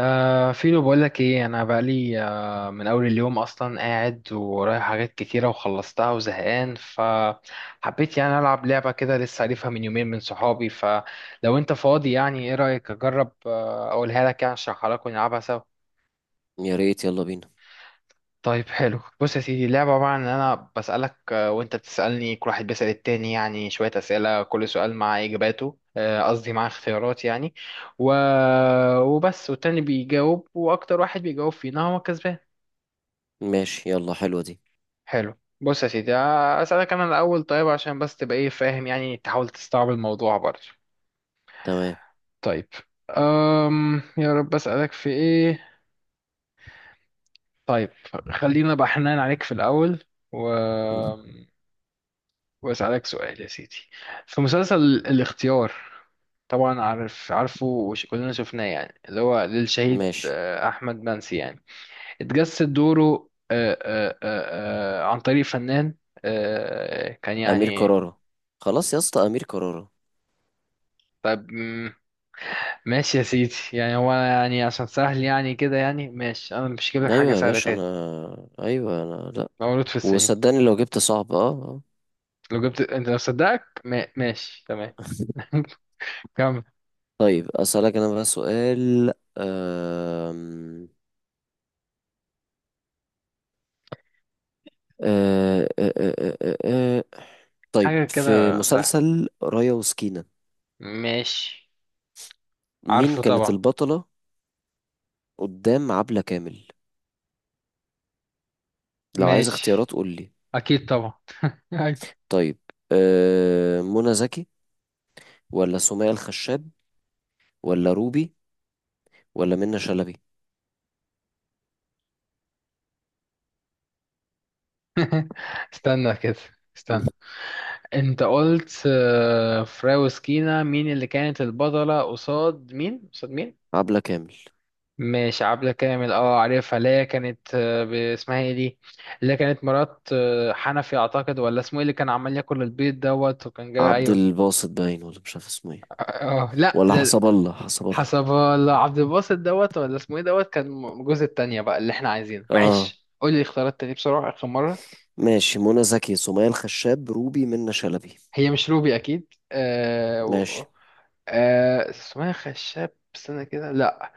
فيلو، بقولك ايه؟ انا بقالي من اول اليوم اصلا قاعد ورايح حاجات كتيره وخلصتها وزهقان، فحبيت يعني العب لعبه كده، لسه عارفها من يومين من صحابي. فلو انت فاضي يعني، ايه رايك اجرب اقولها لك يعني، اشرحها لك ونلعبها سوا؟ يا ريت، يلا بينا. طيب حلو. بص يا سيدي، اللعبه عباره عن ان انا بسالك وانت بتسالني، كل واحد بيسال التاني، يعني شويه اسئله، كل سؤال مع اجاباته قصدي مع اختيارات يعني. و... وبس، والتاني بيجاوب، واكتر واحد بيجاوب فينا هو كسبان. ماشي، يلا حلوة دي. حلو. بص يا سيدي، أسألك أنا الأول، طيب عشان بس تبقى إيه فاهم، يعني تحاول تستوعب الموضوع برضه. تمام. طيب. يا رب أسألك في إيه. طيب، خلينا بقى حنان عليك في الأول. و... مم. وأسألك سؤال يا سيدي، في مسلسل الاختيار. طبعا عارف، عارفه، وكلنا شفناه، يعني اللي هو للشهيد ماشي. أحمد منسي يعني، اتجسد دوره عن طريق فنان كان أمير يعني. كرارة. خلاص يا اسطى، أمير كرارة. طيب، ماشي يا سيدي، يعني هو أنا يعني عشان سهل يعني كده يعني، ماشي انا مش هجيب لك حاجه أيوة يا سهله باشا. تاني. أنا أيوة. أنا لأ. مولود في السينما. وصدقني لو جبت صعب آه. لو جبت انت، لو صدقك ما... ماشي، تمام. كمل. طيب، أسألك أنا بقى سؤال. أم... أه... أه... أه... أه... أه... آه. طيب، حاجه في كده سهله. مسلسل رايا وسكينة، ماشي. مين عارفه كانت طبعا. البطلة قدام عبلة كامل؟ لو عايز ماشي. اختيارات قول لي. اكيد طبعا. أيوة. طيب، منى زكي، ولا سمية الخشاب، ولا روبي، ولا منة شلبي؟ استنى كده، مم. استنى. انت قلت فراوسكينا مين اللي كانت البطله؟ قصاد مين؟ قصاد مين؟ عبلة كامل. ماشي، عبلة كامل، اه عارفها، اللي هي كانت اسمها ايه دي، اللي هي كانت مرات حنفي اعتقد، ولا اسمه ايه، اللي كان عمال ياكل البيض، وكان جاي، عبد ايوه. الباسط باين، ولا مش عارف اسمه ايه؟ اه. لا ولا ده، حسب الله، حسب الله. حسب الله، عبد الباسط، ولا اسمه ايه، كان جوز التانية بقى اللي احنا عايزينه. اه معلش قول لي اختيارات تاني بسرعة، اخر مرة. ماشي، منى زكي، سمية الخشاب، روبي، منة شلبي. هي مش روبي اكيد، ماشي. آه اسمها خشاب، استنى كده، لا.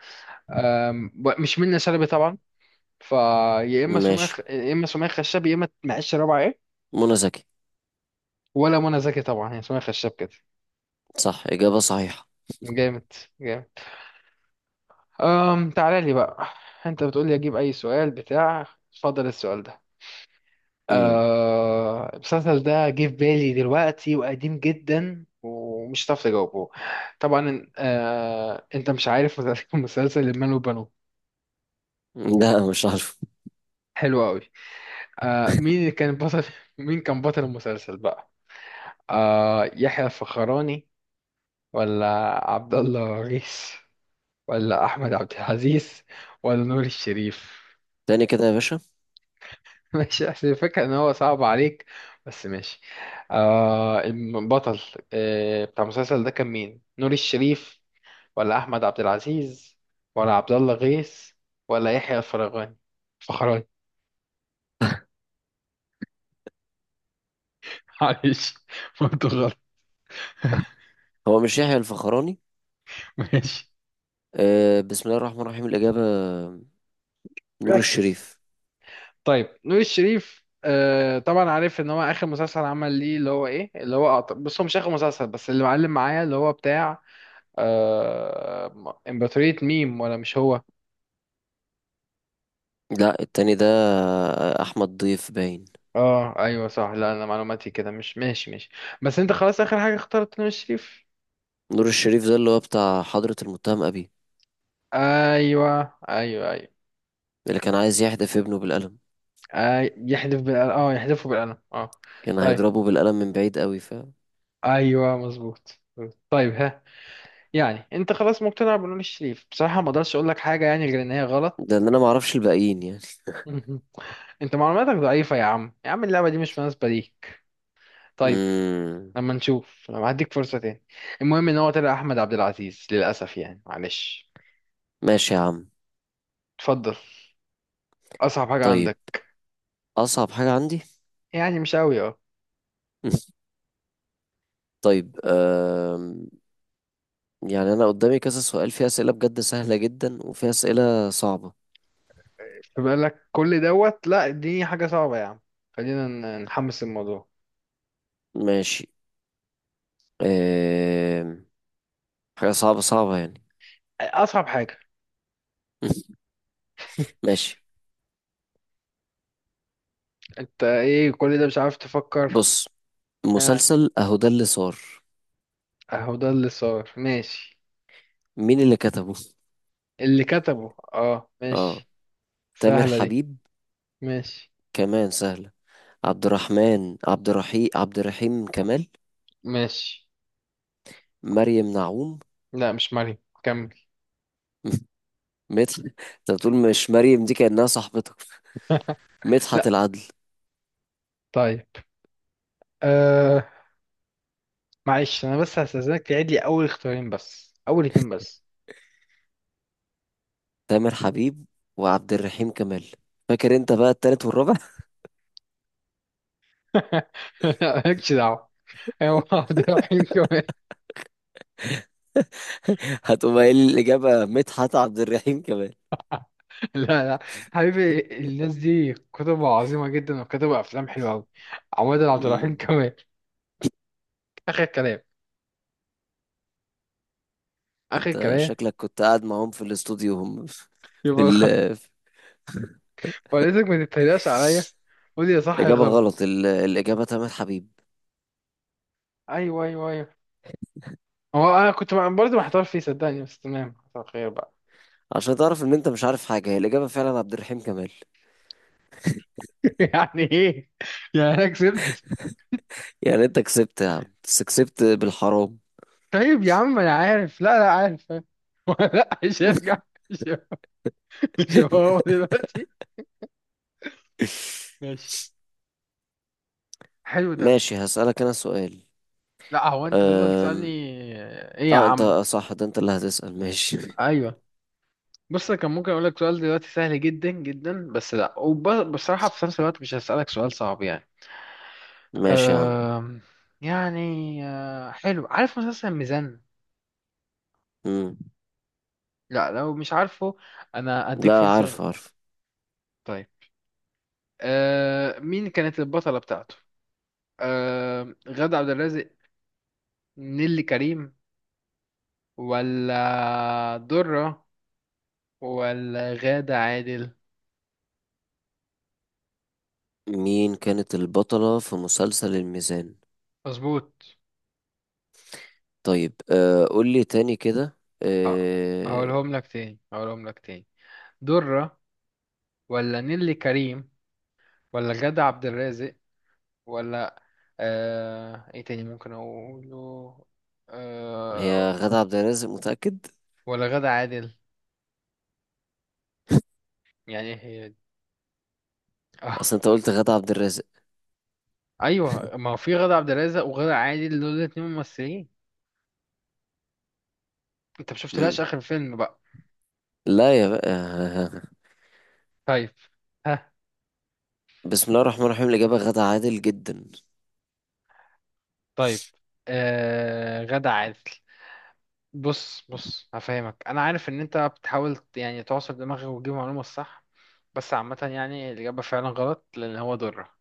آه، مش منة شلبي طبعا. فيا اما ماشي، يا اما سمية خشاب، يا اما معيش رابعة إيه؟ منى زكي. ولا منى زكي طبعا، هي سمية خشاب كده. صح، إجابة صحيحة. جامد. جامد. تعالى لي بقى. انت بتقول لي اجيب اي سؤال بتاع؟ اتفضل السؤال ده. امم. المسلسل ده جه في بالي دلوقتي، وقديم جدا ومش هتعرف تجاوبه. طبعا انت مش عارف. مسلسل المال والبنون. لا مش عارف. حلو قوي. مين اللي كان بطل مين كان بطل المسلسل بقى؟ يحيى الفخراني، ولا عبد الله غيث، ولا احمد عبد العزيز، ولا نور الشريف؟ تاني كده يا باشا. ماشي، احسن الفكره ان هو صعب عليك. بس ماشي. البطل بتاع المسلسل ده كان مين؟ نور الشريف، ولا احمد عبد العزيز، ولا عبد الله غيث، ولا يحيى الفرغاني، فخراني. معلش، قلت غلط. هو مش يحيى الفخراني؟ ماشي، آه، بسم الله الرحمن الرحيم، الإجابة نور ركز. الشريف. طيب، نور الشريف، طبعا عارف ان هو اخر مسلسل عمل ليه، اللي هو ايه، اللي هو بص، هو مش اخر مسلسل، بس اللي معلم معايا اللي هو بتاع امبراطورية ميم، ولا مش هو؟ لا، التاني ده أحمد ضيف باين. اه، ايوه صح، لا انا معلوماتي كده مش ماشي. ماشي، بس انت خلاص اخر حاجة اخترت نور الشريف. نور الشريف ده اللي هو بتاع حضرة المتهم أبي، ايوه ايوه ايوه. اللي كان عايز يحدف ابنه بالقلم. يحذف بالقلم، اه يحذفه بالقلم، اه. كان طيب، هيضربه بالقلم من بعيد قوي، ف ايوه مظبوط. طيب، ها. يعني انت خلاص مقتنع بنور الشريف، بصراحة ما اقدرش اقول لك حاجة يعني غير ان هي ده غلط. ان انا معرفش الباقيين يعني. انت معلوماتك ضعيفة يا عم، يا عم اللعبة دي مش مناسبة ليك. طيب، امم. لما نشوف، لما هديك فرصة تاني. المهم ان هو طلع احمد عبد العزيز، للاسف يعني، معلش. ماشي يا عم. اتفضل، اصعب حاجة طيب، عندك. اصعب حاجة عندي. يعني مش قوي، اه. طيب. يعني انا قدامي كذا سؤال، فيه اسئلة بجد سهلة جدا وفيه اسئلة صعبة. فبقول لك كل لا اديني حاجة صعبة يا عم، خلينا نحمس الموضوع. ماشي. أم... حاجة صعبة، صعبة يعني. اصعب حاجة. ماشي. انت ايه، كل ده مش عارف تفكر؟ بص، ها. مسلسل اهو ده اللي صار، اهو ده اللي صار، ماشي. مين اللي كتبه؟ اللي كتبه، اه، ماشي. تامر سهلة دي. حبيب. ماشي. كمان سهلة. عبد الرحمن، عبد الرحيم، عبد الرحيم كمال. ماشي. مريم نعوم. لا، مش مريم، كمل. مدح. انت بتقول مش مريم، دي كأنها صاحبتك. مدحت لا. العدل. طيب، آه، معلش انا بس هستأذنك تعيد لي اول اختيارين بس، اول اتنين بس. تامر حبيب وعبد الرحيم كمال. فاكر انت بقى التالت والرابع؟ لا مالكش دعوه. ايوه عبد الرحيم كمان. هتقوم قايل لي الإجابة مدحت عبد الرحيم كمال. لا لا. حبيبي، الناس دي كتب عظيمه جدا، وكتب افلام حلوه قوي. عماد عبد الرحيم مم. كمان. اخر كلام، اخر انت كلام. شكلك كنت قاعد معاهم في الاستوديو، هم في يبقى ال... غلط. وليتك ما تتريقش عليا، قول لي يا صح يا إجابة غلط. غلط. الإجابة تامر حبيب. ايوه ايوه ايوه. هو انا كنت برضه محتار فيه صدقني، بس تمام، حصل خير بقى. عشان تعرف إن أنت مش عارف حاجة، هي الإجابة فعلا عبد الرحيم كمال. يعني ايه، يعني انا كسبت؟ يعني أنت كسبت يا عم، بس كسبت بالحرام. طيب يا عم، انا عارف، لا لا عارف. لا، مش هيرجع. مش هيرجع. مش هو هو دلوقتي. ماشي. حلو ده. ماشي، هسألك أنا سؤال. لا، هو انت تفضل تسألني. أم... ايه يا اه انت عم؟ صح، ده انت اللي هتسأل. ماشي. ايوه. بص، أنا كان ممكن اقول لك سؤال دلوقتي سهل جدا جدا، بس لا، وبصراحة في نفس الوقت مش هسألك سؤال صعب يعني. ماشي يا عم. أم... يعني، حلو، عارف مسلسل ميزان؟ مم. لا لو مش عارفه انا اديك لا عارف، فرصة. عارف. طيب. مين كانت البطلة بتاعته؟ غادة عبد الرازق، نيلي كريم، ولا درة، ولا غادة عادل؟ مين كانت البطلة في مسلسل الميزان؟ مظبوط. طيب آه، قول لي تاني كده. ه- آه، هقولهم لك تاني، هقولهم لك تاني. درة، ولا نيلي كريم، ولا غادة عبد الرازق، ولا ايه تاني ممكن اقوله، هي آه... غادة عبد الرازق، متأكد؟ ولا غادة عادل. يعني ايه، هي دي؟ آه. اصل انت قلت غادة عبد الرازق. ايوه، ما هو في غادة عبد الرازق وغادة عادل، دول الاتنين ممثلين. انت مم. مشفتلهاش اخر فيلم بقى. لا يا بقى. طيب. ها. بسم الله الرحمن الرحيم، الإجابة غادة عادل جدا. طيب، غادة عادل. بص بص، هفهمك، انا عارف ان انت بتحاول يعني تعصر دماغك وتجيب المعلومه الصح، بس عامه يعني الاجابه فعلا غلط، لان هو ضره.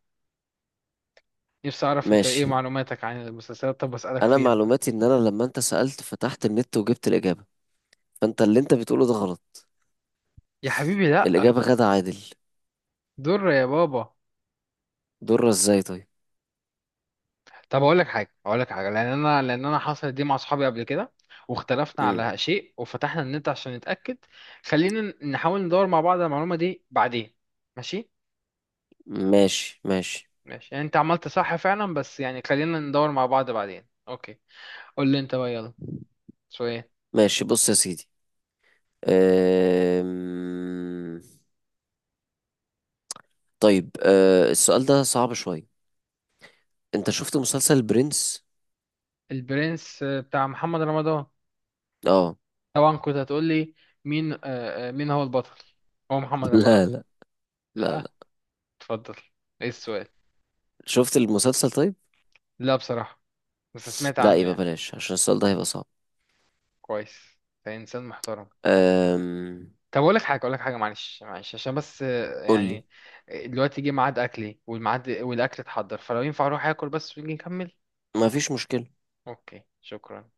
نفسي اعرف انت ايه ماشي. معلوماتك عن المسلسلات، طب اسالك انا فيها طيب. معلوماتي ان انا لما انت سألت فتحت النت وجبت الإجابة، فانت اللي انت بتقوله ده غلط. يا حبيبي لا. الإجابة غادة عادل. ضر يا بابا. ضرة ازاي طيب؟ طب اقول لك حاجه، اقول لك حاجه، لان انا حصلت دي مع اصحابي قبل كده، واختلفنا مم. على شيء وفتحنا النت عشان نتاكد. خلينا نحاول ندور مع بعض على المعلومه دي بعدين. ماشي، ماشي، ماشي. ماشي. يعني انت عملت صح فعلا، بس يعني خلينا ندور مع بعض بعدين، اوكي. قول لي انت بقى، يلا، شوية. ماشي، بص يا سيدي. أم... طيب، أه السؤال ده صعب شوية. انت شفت مسلسل برنس؟ البرنس بتاع محمد رمضان؟ اه. طبعا، كنت هتقول لي مين مين هو البطل؟ هو محمد رمضان؟ لا لا. لا لا. لا. اتفضل، ايه السؤال؟ شفت المسلسل طيب؟ لا بصراحة، بس سمعت لا، عنه يبقى يعني. بلاش عشان السؤال ده هيبقى صعب. كويس، ده انسان محترم. أم... طب اقول لك حاجة، اقول لك حاجة، معلش معلش، عشان بس قول لي. يعني، دلوقتي جه ميعاد اكلي، والميعاد والاكل اتحضر، فلو ينفع اروح اكل بس ونيجي نكمل. ما فيش مشكلة. اوكي، شكرا.